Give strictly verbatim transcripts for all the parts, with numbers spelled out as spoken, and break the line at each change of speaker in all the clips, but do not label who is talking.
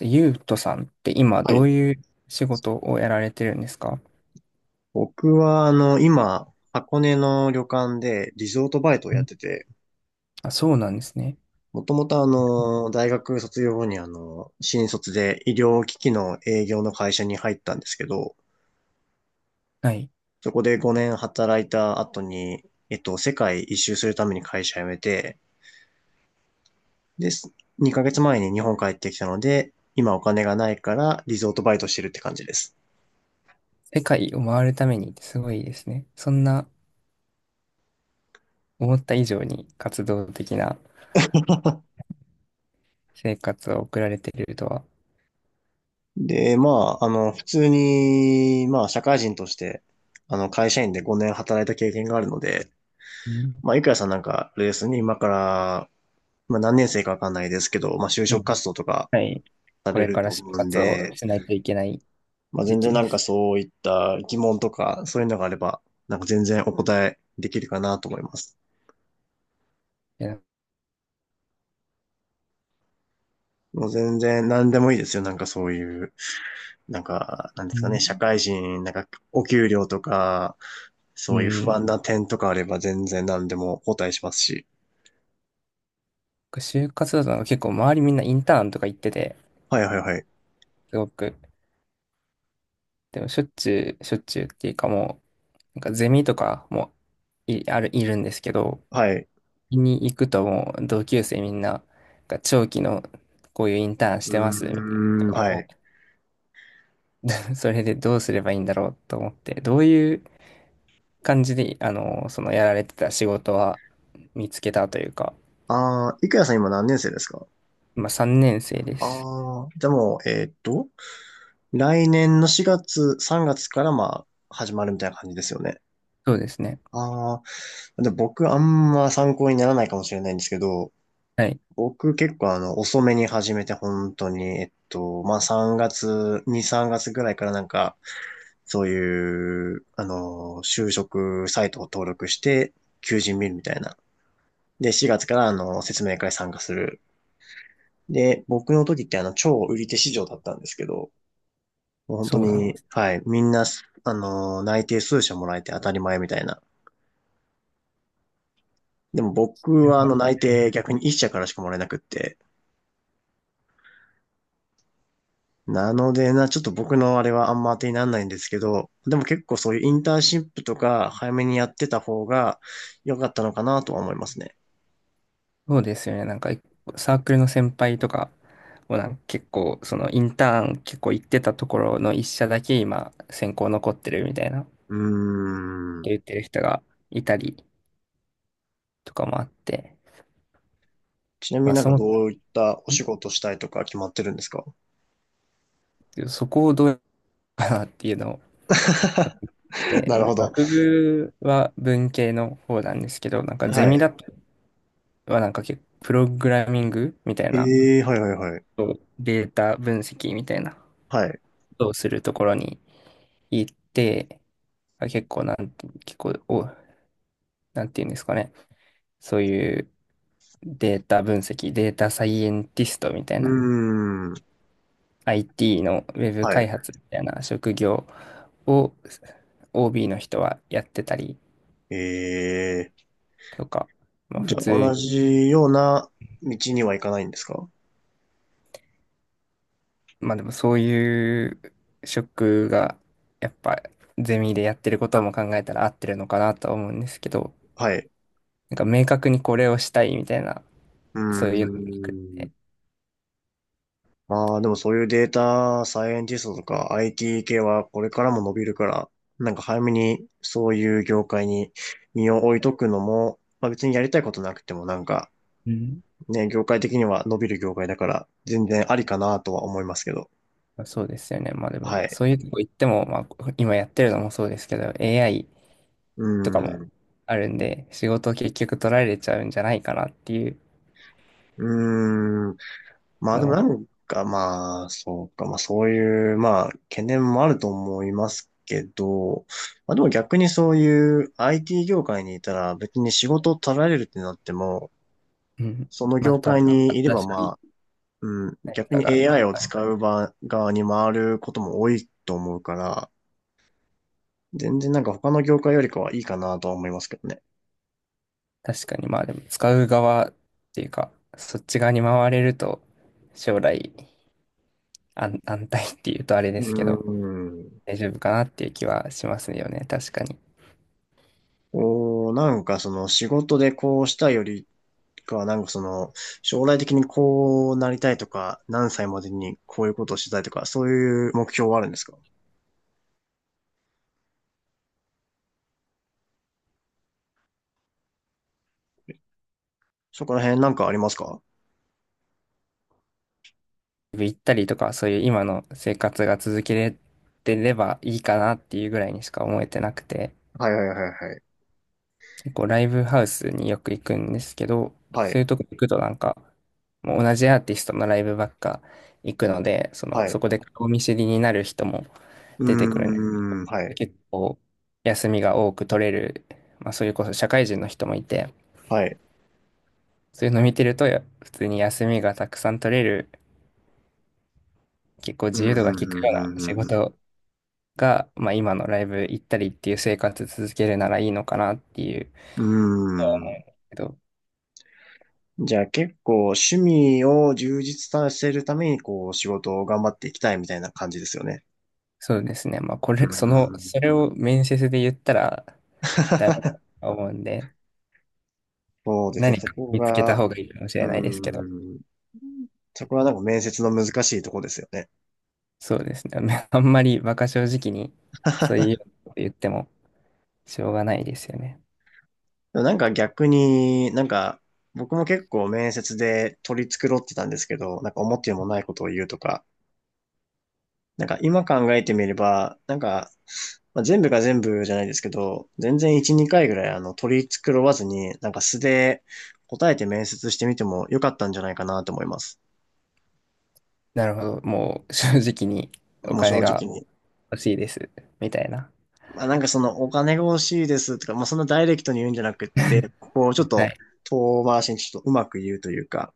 ゆうとさんって今
は
どう
い。
いう仕事をやられてるんですか？
僕は、あの、今、箱根の旅館でリゾートバイトをやっ
ん
てて、
あ、そうなんですね。
もともとあの、大学卒業後にあの、新卒で医療機器の営業の会社に入ったんですけど、
はい。
そこでごねん働いた後に、えっと、世界一周するために会社辞めて、で、にかげつまえに日本帰ってきたので、今お金がないからリゾートバイトしてるって感じです。
世界を回るためにってすごいですね。そんな思った以上に活動的な生活を送られてるとは、
で、まあ、あの、普通に、まあ、社会人として、あの、会社員でごねん働いた経験があるので、
うん。
まあ、いくやさんなんか、レースに今から、まあ、何年生かわかんないですけど、まあ、就
今、
職活動とか
はい。
さ
こ
れ
れ
る
から
と
就
思うん
活を
で、
しないといけない
まあ、
時
全然
期
な
で
んか
す。
そういった疑問とか、そういうのがあれば、なんか全然お答えできるかなと思います。
いや、
もう全然何でもいいですよ、なんかそういうなんか、なんで
う
すかね、社
ん
会人、なんか、お給料とか、
う
そういう不
ん。
安な点とかあれば全然何でもお答えしますし。
就活だとなんか結構周りみんなインターンとか行ってて、
はいはいはい。
すごく、でもしょっちゅう、しょっちゅうっていうかも、なんかゼミとかもい、ある、いるんですけど、
はい。
に行くともう同級生みんな、なんか長期のこういうインターンし
う
てますみたいな人
ーん、
が
は
多
い。
く、それでどうすればいいんだろうと思って、どういう感じで、あの、そのやられてた仕事は見つけたというか、
ああ、いくやさん今何年生ですか？
今さんねん生です。
ああー、じゃあもう、えーっと、来年のしがつ、さんがつからまあ、始まるみたいな感じですよね。
そうですね。
ああ、で僕あんま参考にならないかもしれないんですけど、
はい。
僕結構あの、遅めに始めて本当に、えっと、まあ、さんがつ、に、さんがつぐらいからなんか、そういう、あの、就職サイトを登録して、求人見るみたいな。で、しがつからあの、説明会参加する。で、僕の時ってあの、超売り手市場だったんですけど、もう本
そ
当
うなんで
に、
す。
はい、みんな、あの、内定数社もらえて当たり前みたいな。でも僕はあの、内定逆にいっ社からしかもらえなくって、なのでな、ちょっと僕のあれはあんま当てにならないんですけど、でも結構そういうインターンシップとか早めにやってた方が良かったのかなとは思いますね。
そうですよね。なんか、サークルの先輩とかをなんか結構、そのインターン結構行ってたところの一社だけ今、選考残ってるみたいな、
うーん。
言ってる人がいたりとかもあって、
ちなみ
ま
に
あ、
なん
そ
か
の、
どういったお仕事したいとか決まってるんですか？
そこをどうかなっていうのを、で、
なる
まあ
ほど。
学部は文系の方なんですけど、なんかゼ
は
ミ
い。
だとはなんか結構プログラミングみたいな、
ええーはいはいはい。
そうデータ分析みたいなこ
はい。
とをするところに行って、結構なん、結構、お、なんていうんですかね。そういうデータ分析、データサイエンティストみたい
う
な、
ーん。
アイティー のウェブ
は
開
い。
発みたいな職業を オービー の人はやってたり
ええー
とか、まあ
じ
普
ゃあ
通、
同じような道には行かないんですか？
まあでもそういう職がやっぱゼミでやってることも考えたら合ってるのかなとは思うんですけど、
はい。
なんか明確にこれをしたいみたいな、
うー
そういうのがなくて、
ん。ああ、でもそういうデータサイエンティストとか アイティー 系はこれからも伸びるから、なんか早めにそういう業界に身を置いとくのも、まあ別にやりたいことなくてもなんかね、業界的には伸びる業界だから全然ありかなとは思いますけど。
そうですよね。まあでも、
はい。
そういうとこ行っても、まあ今やってるのもそうですけど、エーアイ
う
とか
ー
も
ん。
あるんで、仕事を結局取られちゃうんじゃないかなっていう
うーん。まあ
の
でもな
も、
んかまあ、そうか、まあそういう、まあ懸念もあると思いますけど、まあでも逆にそういう アイティー 業界にいたら別に仕事を取られるってなっても、
うん、
その
ま
業
た
界にいれ
新
ば
し
ま
い
あ、うん、
何
逆
か
に
があった
エーアイ を
感じ、
使う場側に回ることも多いと思うから、全然なんか他の業界よりかはいいかなとは思いますけどね。
確かにまあでも使う側っていうか、そっち側に回れると、将来安、安泰っていうとあれで
う
すけど、
ーん。
大丈夫かなっていう気はしますよね。確かに。
こう、なんかその仕事でこうしたよりか、なんかその、将来的にこうなりたいとか、何歳までにこういうことをしたいとか、そういう目標はあるんですか？そこら辺なんかありますか？
行ったりとか、そういう今の生活が続けれてればいいかなっていうぐらいにしか思えてなくて、
はいはいはいはい。
結構ライブハウスによく行くんですけど、
は
そう
い。
いうとこ行くとなんか、もう同じアーティストのライブばっか行くので、その、
は
そ
い。
こで顔見知りになる人も
う
出てくるね。
ーん、はい。
結構休みが多く取れる、まあそれこそ社会人の人もいて、
はい。
そういうの見てるとや普通に休みがたくさん取れる、結構
うん、う
自
ん、う
由度が利くような
ん、
仕
うん、
事が、まあ、今のライブ行ったりっていう生活続けるならいいのかなっていう
うん。う
けど、
ーん。じゃあ結構趣味を充実させるために、こう、仕事を頑張っていきたいみたいな感じですよね。
そうですね。まあ、こ
う
れ、その、
ー
それ
ん。
を面接で言ったらダメだと 思うんで、
そうですね。
何
そ
か
こ
見つけた
が、
方がいいかもし
う
れないですけど、
ーん。そこはなんか面接の難しいとこですよね。
そうですね。あんまり馬鹿正直に、そう いうこと言ってもしょうがないですよね。
でもなんか逆に、なんか、僕も結構面接で取り繕ってたんですけど、なんか思ってもないことを言うとか、なんか今考えてみれば、なんか、まあ、全部が全部じゃないですけど、全然いっ、にかいぐらいあの取り繕わずに、なんか素で答えて面接してみてもよかったんじゃないかなと思います。
なるほど。もう正直にお
もう
金
正
が
直に。
欲しいです、みたいな。
まあなんかそのお金が欲しいですとか、まあそんなダイレクトに言うんじゃなくって、こうちょっ
は
と
い。
遠回しにちょっとうまく言うというか、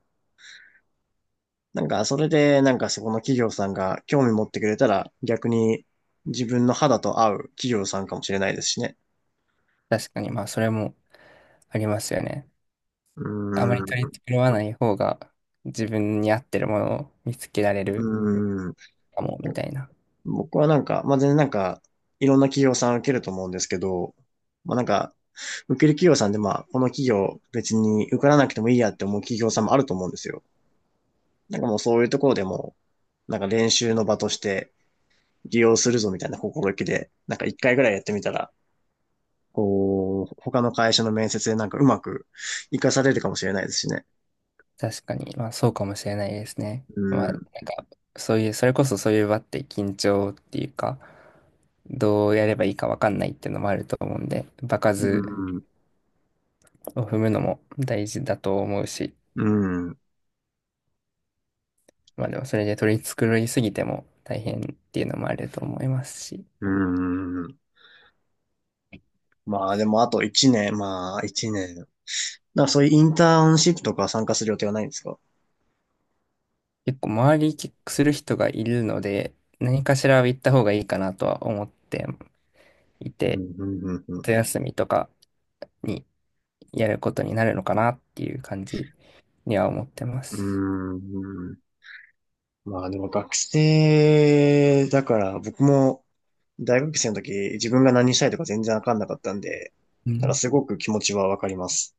なんか、それで、なんかそこの企業さんが興味持ってくれたら、逆に自分の肌と合う企業さんかもしれないですしね。
確かに、まあ、それもありますよね。
う
あまり
ー
取り
ん、
繕わない方が自分に合ってるものを見つけられ
う
る
ーん。
かも、みたいな。
僕はなんか、まあ、全然なんか、いろんな企業さん受けると思うんですけど、まあ、なんか、受ける企業さんでまあ、この企業別に受からなくてもいいやって思う企業さんもあると思うんですよ。なんかもうそういうところでも、なんか練習の場として利用するぞみたいな心意気で、なんかいっかいぐらいやってみたら、こう、他の会社の面接でなんかうまく活かされるかもしれないですしね。
確かに、まあそうかもしれないですね。
う
まあなん
ん、
か、そういう、それこそそういう場って緊張っていうか、どうやればいいかわかんないっていうのもあると思うんで、場
う
数
ん、
を踏むのも大事だと思うし、
うん、
まあでもそれで取り繕いすぎても大変っていうのもあると思いますし、
うん。まあでもあといちねん、まあいちねん。だからそういうインターンシップとか参加する予定はないんですか？
結構周りキックする人がいるので、何かしらは言った方がいいかなとは思ってい
う
て、
ん、うん、うん、う
夏休みとかにやることになるのかなっていう感じには思ってます。
ん。うーん。まあでも学生だから僕も大学生の時自分が何したいとか全然わかんなかったんで、
う
だから
ん。
すごく気持ちはわかります。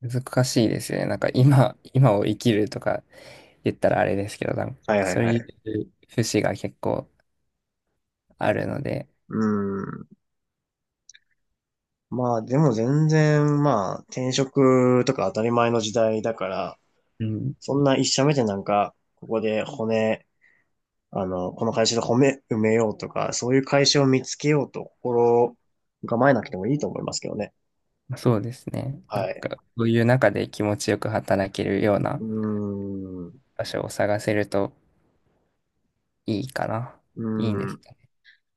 難しいですよね。なんか今、今を生きるとか言ったらあれですけど、なん
はい
か
はい
そう
は
い
い。
う節が結構あるので、
うーん。まあでも全然まあ転職とか当たり前の時代だから、
うん。
そんないっしゃ目でなんか、ここで骨、あの、この会社で骨埋めようとか、そういう会社を見つけようと心構えなくてもいいと思いますけどね。
そうですね。なん
はい。
か、そういう中で気持ちよく働けるような
うーん。う
場所を探せるといいかな。
ー
いいんです
ん。
かね。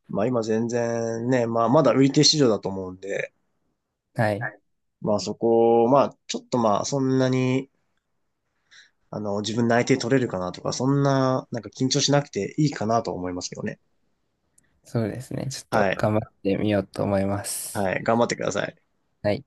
まあ今全然ね、まあまだ売り手市場だと思うんで、
は
は
い。
い。まあそこを、まあちょっとまあそんなに、あの、自分内定取れるかなとか、そんな、なんか緊張しなくていいかなと思いますけどね。
そうですね。ちょっと
はい。
頑張ってみようと思います。
はい。頑張ってください。
はい。